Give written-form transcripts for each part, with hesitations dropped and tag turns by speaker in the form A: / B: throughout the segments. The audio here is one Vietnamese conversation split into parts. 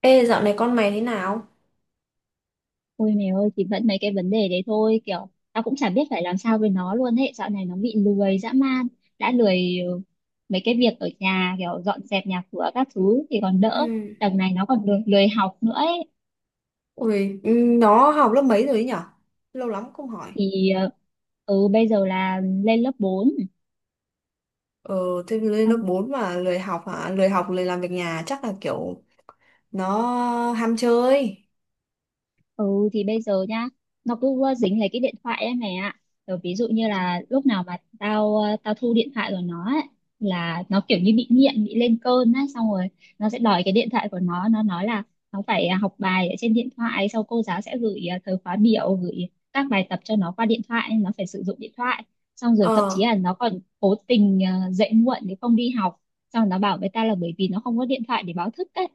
A: Ê, dạo này con mày thế nào?
B: Ôi mẹ ơi, thì vẫn mấy cái vấn đề đấy thôi, kiểu tao cũng chả biết phải làm sao với nó luôn ấy, dạo này nó bị lười dã man, đã lười, mấy cái việc ở nhà kiểu dọn dẹp nhà cửa các thứ thì còn đỡ,
A: Ừ.
B: đằng này nó còn lười, lười học nữa ấy.
A: Ui, nó học lớp mấy rồi ấy nhở? Lâu lắm không hỏi.
B: Thì bây giờ là lên lớp 4.
A: Ờ, thế lên lớp 4 mà lười học hả? Lười học, lười làm việc nhà chắc là kiểu nó ham chơi.
B: Ừ thì bây giờ nhá, nó cứ dính lấy cái điện thoại ấy mày ạ. Rồi ví dụ như là lúc nào mà tao thu điện thoại của nó ấy, là nó kiểu như bị nghiện, bị lên cơn á, xong rồi nó sẽ đòi cái điện thoại của nó nói là nó phải học bài ở trên điện thoại, sau cô giáo sẽ gửi thời khóa biểu, gửi các bài tập cho nó qua điện thoại, nó phải sử dụng điện thoại. Xong rồi thậm
A: Ờ,
B: chí là nó còn cố tình dậy muộn để không đi học, xong rồi nó bảo với ta là bởi vì nó không có điện thoại để báo thức ấy.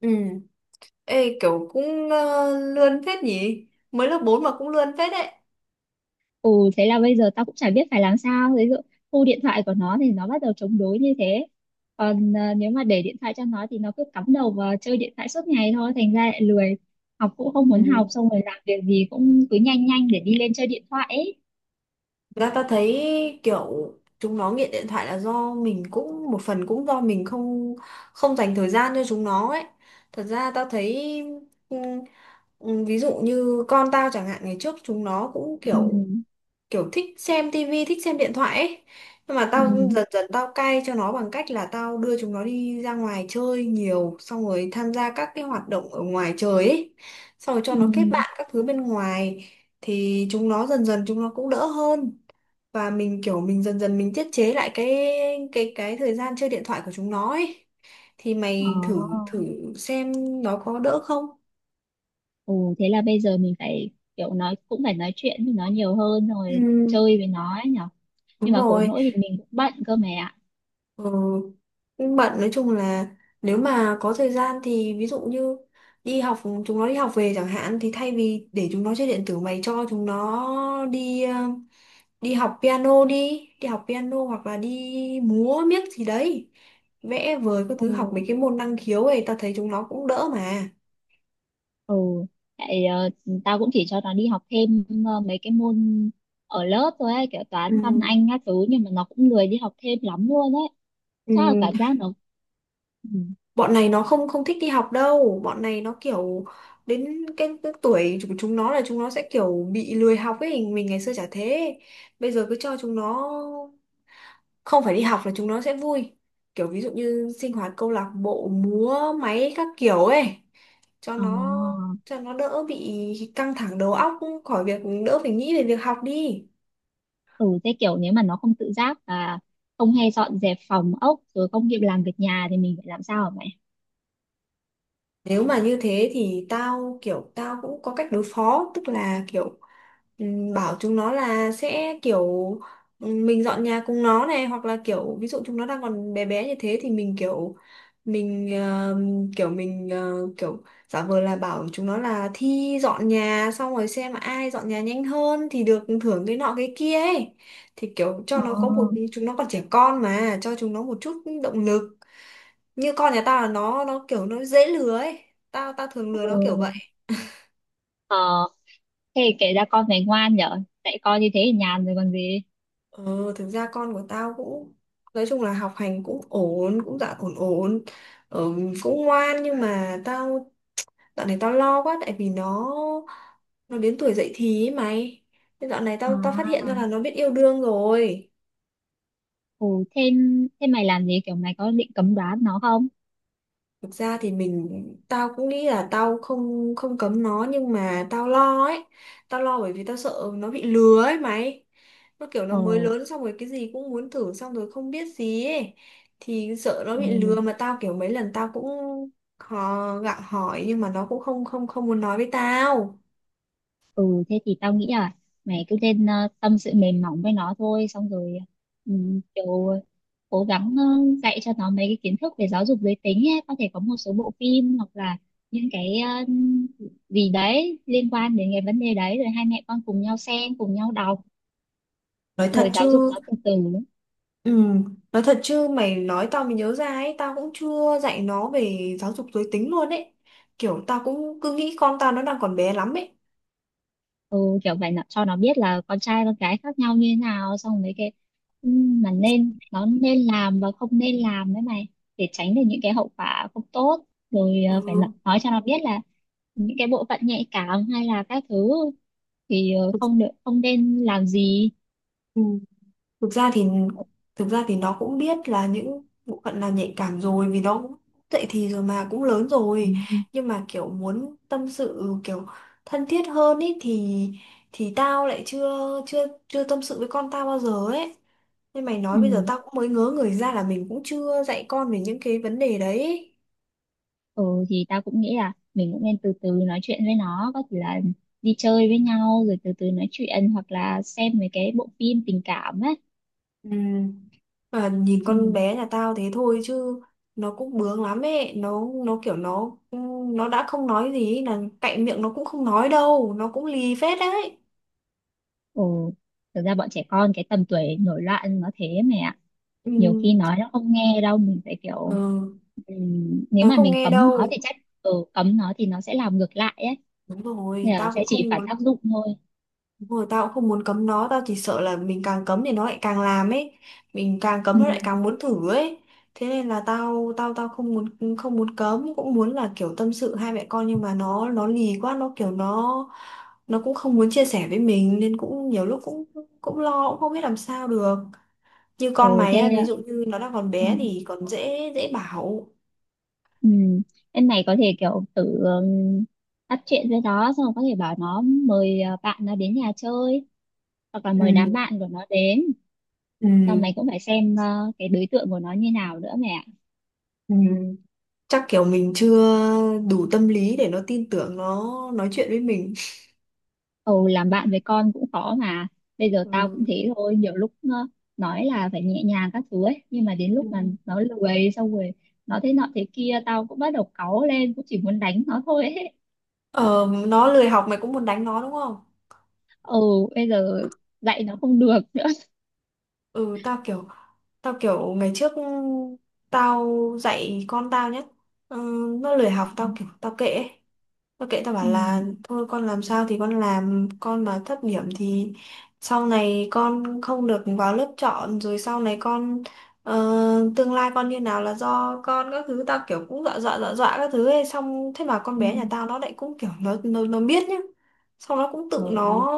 A: ừ. Ê, kiểu cũng lươn phết nhỉ? Mới lớp 4 mà cũng lươn phết đấy.
B: Ừ, thế là bây giờ tao cũng chả biết phải làm sao, ví dụ thu điện thoại của nó thì nó bắt đầu chống đối như thế, còn nếu mà để điện thoại cho nó thì nó cứ cắm đầu vào chơi điện thoại suốt ngày thôi, thành ra lại lười, học cũng không muốn học,
A: Ừ.
B: xong rồi làm việc gì cũng cứ nhanh nhanh để đi lên chơi điện thoại ấy.
A: Thực ra ta thấy kiểu chúng nó nghiện điện thoại là do mình cũng một phần cũng do mình không không dành thời gian cho chúng nó ấy. Thật ra ta thấy ừ, ví dụ như con tao chẳng hạn ngày trước chúng nó cũng
B: Ừ.
A: kiểu kiểu thích xem tivi, thích xem điện thoại ấy. Nhưng mà
B: Ừ.
A: tao dần dần tao cai cho nó bằng cách là tao đưa chúng nó đi ra ngoài chơi nhiều, xong rồi tham gia các cái hoạt động ở ngoài trời ấy. Xong rồi cho
B: Ừ.
A: nó kết bạn các thứ bên ngoài thì chúng nó dần dần chúng nó cũng đỡ hơn và mình kiểu mình dần dần mình tiết chế lại cái cái thời gian chơi điện thoại của chúng nó ấy thì mày thử
B: Ờ.
A: thử xem nó có đỡ không.
B: Ồ, thế là bây giờ mình phải kiểu nói, cũng phải nói chuyện với nó nhiều hơn rồi,
A: Ừ,
B: chơi với nó ấy nhở.
A: đúng
B: Nhưng mà khổ
A: rồi.
B: nỗi thì mình cũng bận cơ mẹ ạ.
A: Ừ. Nhưng bận nói chung là nếu mà có thời gian thì ví dụ như đi học chúng nó đi học về chẳng hạn thì thay vì để chúng nó chơi điện tử mày cho chúng nó đi đi học piano đi đi học piano hoặc là đi múa miếc gì đấy vẽ vời các thứ học mấy
B: Ừ.
A: cái môn năng khiếu ấy tao thấy chúng nó cũng đỡ mà.
B: Ừ, tại tao cũng chỉ cho nó đi học thêm mấy cái môn ở lớp thôi ấy, kiểu
A: Ừ.
B: toán văn anh các thứ, nhưng mà nó cũng lười đi học thêm lắm luôn ấy. Chắc là
A: Ừ.
B: cảm giác nó, ừ.
A: Bọn này nó không không thích đi học đâu bọn này nó kiểu đến cái tuổi của chúng nó là chúng nó sẽ kiểu bị lười học ấy mình ngày xưa chả thế bây giờ cứ cho chúng nó không phải đi học là chúng nó sẽ vui kiểu ví dụ như sinh hoạt câu lạc bộ múa máy các kiểu ấy cho
B: Ờ.
A: nó cho nó đỡ bị căng thẳng đầu óc khỏi việc đỡ phải nghĩ về việc học đi.
B: Ừ, thế kiểu nếu mà nó không tự giác và không hay dọn dẹp phòng ốc, rồi không kịp làm việc nhà thì mình phải làm sao hả mày?
A: Nếu mà như thế thì tao kiểu tao cũng có cách đối phó tức là kiểu bảo chúng nó là sẽ kiểu mình dọn nhà cùng nó này hoặc là kiểu ví dụ chúng nó đang còn bé bé như thế thì mình kiểu mình kiểu mình kiểu giả vờ là bảo chúng nó là thi dọn nhà xong rồi xem ai dọn nhà nhanh hơn thì được thưởng cái nọ cái kia ấy thì kiểu
B: Ờ.
A: cho nó có một chúng nó còn trẻ con mà cho chúng nó một chút động lực như con nhà tao là nó kiểu nó dễ lừa ấy tao tao thường lừa nó kiểu vậy.
B: Ừ. Ờ, thế kể ra con này ngoan nhở, tại con như thế thì nhàn rồi còn gì.
A: Ờ thực ra con của tao cũng nói chung là học hành cũng ổn cũng dạ ổn ổn. ờ, Cũng ngoan nhưng mà tao dạo này tao lo quá tại vì nó đến tuổi dậy thì ấy mày. Thế dạo này tao tao phát hiện
B: À,
A: ra là nó biết yêu đương rồi.
B: ừ, thế mày làm gì, kiểu mày có định cấm đoán nó không?
A: Thực ra thì mình tao cũng nghĩ là tao không không cấm nó nhưng mà tao lo ấy. Tao lo bởi vì tao sợ nó bị lừa ấy mày. Nó kiểu nó
B: Ờ.
A: mới lớn xong rồi cái gì cũng muốn thử xong rồi không biết gì ấy. Thì sợ nó
B: Ừ,
A: bị lừa mà tao kiểu mấy lần tao cũng hò, gặng hỏi nhưng mà nó cũng không không không muốn nói với tao.
B: ừ thế thì tao nghĩ là mày cứ nên tâm sự mềm mỏng với nó thôi, xong rồi ừ, kiểu cố gắng dạy cho nó mấy cái kiến thức về giáo dục giới tính ấy. Có thể có một số bộ phim hoặc là những cái gì đấy liên quan đến cái vấn đề đấy, rồi hai mẹ con cùng nhau xem, cùng nhau đọc,
A: Nói thật
B: rồi giáo dục
A: chứ
B: nó từ từ.
A: ừ, nói thật chứ mày nói tao mới nhớ ra ấy, tao cũng chưa dạy nó về giáo dục giới tính luôn ấy. Kiểu tao cũng cứ nghĩ con tao nó đang còn bé lắm ấy.
B: Ừ, kiểu vậy là cho nó biết là con trai con gái khác nhau như thế nào, xong mấy cái ừ, mà nên, nó nên làm và không nên làm đấy mày, để tránh được những cái hậu quả không tốt, rồi phải nói
A: Ừ.
B: nói cho nó biết là những cái bộ phận nhạy cảm hay là các thứ thì
A: thực,
B: không được, không nên làm gì.
A: ừ, thực ra thì nó cũng biết là những bộ phận là nhạy cảm rồi vì nó cũng dậy thì rồi mà cũng lớn rồi
B: Ừ.
A: nhưng mà kiểu muốn tâm sự kiểu thân thiết hơn ý thì tao lại chưa chưa chưa tâm sự với con tao bao giờ ấy nên mày nói bây giờ
B: Ừ.
A: tao cũng mới ngớ người ra là mình cũng chưa dạy con về những cái vấn đề đấy.
B: Ừ, thì tao cũng nghĩ là mình cũng nên từ từ nói chuyện với nó, có thể là đi chơi với nhau rồi từ từ nói chuyện, hoặc là xem mấy cái bộ phim tình cảm ấy.
A: Ừ. Và nhìn con
B: Ừ.
A: bé nhà tao thế thôi chứ nó cũng bướng lắm ấy nó kiểu nó đã không nói gì ấy, là cạnh miệng nó cũng không nói đâu nó cũng lì phết đấy.
B: Ồ, thực ra bọn trẻ con cái tầm tuổi nổi loạn nó thế mẹ ạ.
A: Ừ,
B: Nhiều khi nói nó không nghe đâu, mình phải kiểu
A: ừ,
B: nếu
A: nó
B: mà
A: không
B: mình
A: nghe
B: cấm nó
A: đâu.
B: thì chắc cấm nó thì nó sẽ làm ngược lại ấy.
A: Đúng rồi
B: Nên là
A: tao
B: sẽ
A: cũng
B: chỉ
A: không.
B: phản tác dụng thôi.
A: Đúng rồi, tao cũng không muốn cấm nó, tao chỉ sợ là mình càng cấm thì nó lại càng làm ấy, mình càng cấm
B: Ừ.
A: nó lại càng muốn thử ấy. Thế nên là tao tao tao không muốn cấm, cũng muốn là kiểu tâm sự hai mẹ con nhưng mà nó lì quá, nó kiểu nó cũng không muốn chia sẻ với mình nên cũng nhiều lúc cũng cũng lo cũng không biết làm sao được. Như con
B: Ồ
A: mày
B: thế
A: á, ví
B: ạ.
A: dụ như nó đang còn
B: Ừ.
A: bé thì còn dễ dễ bảo.
B: Ừ. Em này có thể kiểu tự bắt chuyện với nó, xong rồi có thể bảo nó mời bạn nó đến nhà chơi, hoặc là
A: Ừ,
B: mời đám bạn của nó đến.
A: ừ,
B: Xong mày cũng phải xem cái đối tượng của nó như nào nữa mẹ.
A: ừ. Chắc kiểu mình chưa đủ tâm lý để nó tin tưởng nó nói chuyện với mình.
B: Ừ, làm bạn với con cũng khó mà, bây giờ tao cũng
A: Ừ.
B: thế thôi, nhiều lúc nó nói là phải nhẹ nhàng các thứ ấy, nhưng mà đến
A: Ừ.
B: lúc mà nó lười xong rồi nó thế nọ thế kia, tao cũng bắt đầu cáu lên, cũng chỉ muốn đánh nó thôi ấy.
A: Ờ, nó lười học mày cũng muốn đánh nó đúng không?
B: Ừ, bây giờ dạy nó không được nữa.
A: Ừ, tao kiểu ngày trước tao dạy con tao nhé. Ừ, nó lười học tao kiểu tao kệ ấy. Tôi kệ tao bảo
B: Ừ.
A: là thôi con làm sao thì con làm con mà thấp điểm thì sau này con không được vào lớp chọn rồi sau này con ờ, tương lai con như nào là do con các thứ tao kiểu cũng dọa dọa dọa dọa các thứ ấy xong thế mà con
B: Ừ.
A: bé nhà tao nó lại cũng kiểu nó biết nhá xong nó cũng
B: Ừ.
A: nó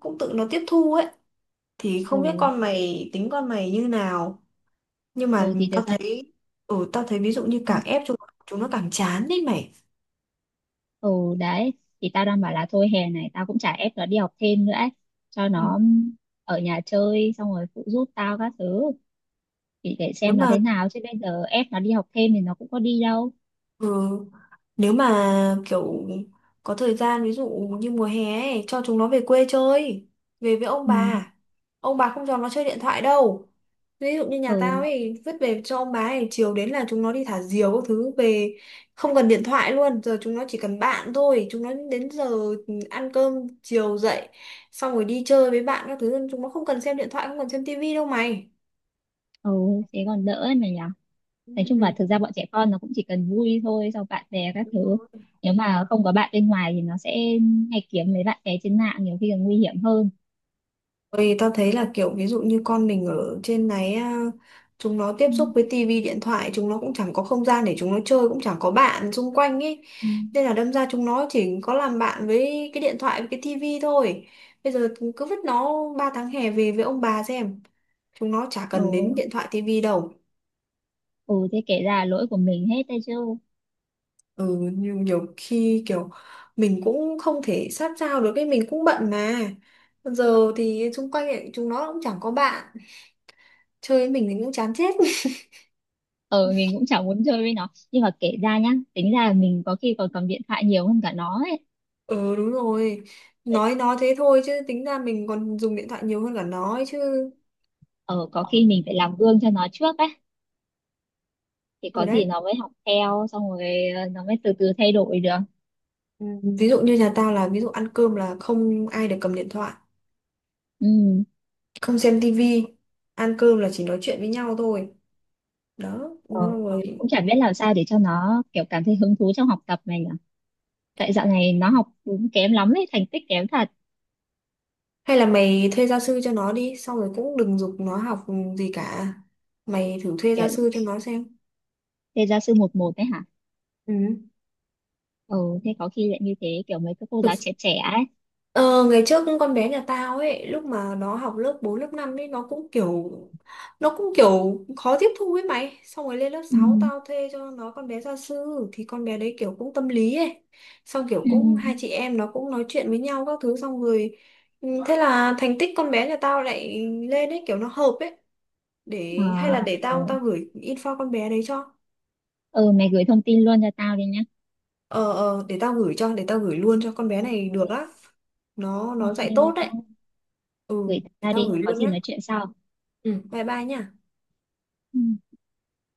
A: cũng tự nó tiếp thu ấy thì
B: Ừ,
A: không biết con mày tính con mày như nào nhưng mà
B: ừ thì thực
A: tao
B: ra,
A: thấy ừ tao thấy ví dụ như càng ép chúng chúng nó càng chán đấy mày.
B: ừ đấy, thì tao đang bảo là thôi hè này tao cũng chả ép nó đi học thêm nữa ấy, cho nó
A: Ừ.
B: ở nhà chơi, xong rồi phụ giúp tao các thứ, thì để
A: Nếu
B: xem nó
A: mà.
B: thế nào, chứ bây giờ ép nó đi học thêm thì nó cũng có đi đâu.
A: Ừ. Nếu mà kiểu có thời gian ví dụ như mùa hè ấy, cho chúng nó về quê chơi, về với ông
B: Ừ.
A: bà. Ông bà không cho nó chơi điện thoại đâu. Ví dụ như nhà tao
B: Ừ,
A: ấy, vứt về cho ông bà ấy, chiều đến là chúng nó đi thả diều các thứ về không cần điện thoại luôn, giờ chúng nó chỉ cần bạn thôi, chúng nó đến giờ ăn cơm chiều dậy xong rồi đi chơi với bạn các thứ, chúng nó không cần xem điện thoại, không cần xem tivi đâu mày.
B: ừ thế còn đỡ ấy mà nhỉ. Nói chung là
A: Ừ.
B: thực ra bọn trẻ con nó cũng chỉ cần vui thôi, sau bạn bè các
A: Đúng
B: thứ,
A: rồi.
B: nếu mà không có bạn bên ngoài thì nó sẽ hay kiếm mấy bạn bè trên mạng, nhiều khi còn nguy hiểm hơn.
A: Ôi, tao thấy là kiểu ví dụ như con mình ở trên này á, chúng nó tiếp
B: Ừ.
A: xúc với tivi điện thoại chúng nó cũng chẳng có không gian để chúng nó chơi cũng chẳng có bạn xung quanh ấy
B: Ừ.
A: nên là đâm ra chúng nó chỉ có làm bạn với cái điện thoại với cái tivi thôi bây giờ cứ vứt nó 3 tháng hè về với ông bà xem chúng nó chả
B: Ừ.
A: cần đến điện thoại tivi đâu.
B: Ừ, thế kể ra là lỗi của mình hết đấy chứ.
A: Ừ nhiều khi kiểu mình cũng không thể sát sao được cái mình cũng bận mà giờ thì xung quanh ấy, chúng nó cũng chẳng có bạn chơi với mình thì cũng chán chết.
B: Ờ, mình cũng chẳng muốn chơi với nó, nhưng mà kể ra nhá, tính ra là mình có khi còn cầm điện thoại nhiều hơn cả nó ấy.
A: Ừ đúng rồi. Nói nó thế thôi chứ tính ra mình còn dùng điện thoại nhiều hơn cả nó ấy chứ.
B: Ờ, có khi mình phải làm gương cho nó trước ấy, thì
A: Rồi
B: có
A: đấy.
B: gì nó mới học theo, xong rồi nó mới từ từ thay đổi được.
A: Ừ, ví dụ như nhà tao là ví dụ ăn cơm là không ai được cầm điện thoại.
B: Ừ.
A: Không xem tivi. Ăn cơm là chỉ nói chuyện với nhau thôi. Đó đúng
B: Ờ,
A: rồi.
B: cũng chả biết làm sao để cho nó kiểu cảm thấy hứng thú trong học tập này nhỉ, tại dạo này nó học cũng kém lắm ấy, thành tích kém thật.
A: Hay là mày thuê gia sư cho nó đi. Xong rồi cũng đừng giục nó học gì cả. Mày thử thuê gia
B: Kiểu
A: sư cho nó xem.
B: thế gia sư một một đấy hả?
A: Ừ.
B: Ừ, thế có khi lại như thế, kiểu mấy cái cô
A: Thực
B: giáo trẻ trẻ ấy.
A: Ờ, ngày trước con bé nhà tao ấy lúc mà nó học lớp 4 lớp 5 ấy nó cũng kiểu khó tiếp thu ấy mày xong rồi lên lớp
B: Ừ.
A: sáu tao thuê cho nó con bé gia sư thì con bé đấy kiểu cũng tâm lý ấy xong kiểu
B: Ừ.
A: cũng hai chị em nó cũng nói chuyện với nhau các thứ xong rồi ừ, thế là thành tích con bé nhà tao lại lên ấy kiểu nó hợp ấy
B: Ờ.
A: để hay là để
B: Ừ.
A: tao tao gửi info con bé đấy cho.
B: Ừ, mày gửi thông tin luôn cho tao đi nhá.
A: Ờ để tao gửi luôn cho con bé này được á.
B: Ok.
A: Nó
B: Ok,
A: dạy
B: bye
A: tốt đấy.
B: bye,
A: Ừ
B: gửi
A: để
B: tao
A: tao
B: đi,
A: gửi
B: có
A: luôn
B: gì
A: nhá.
B: nói chuyện sau.
A: Ừ, bye bye nha.
B: Ừ.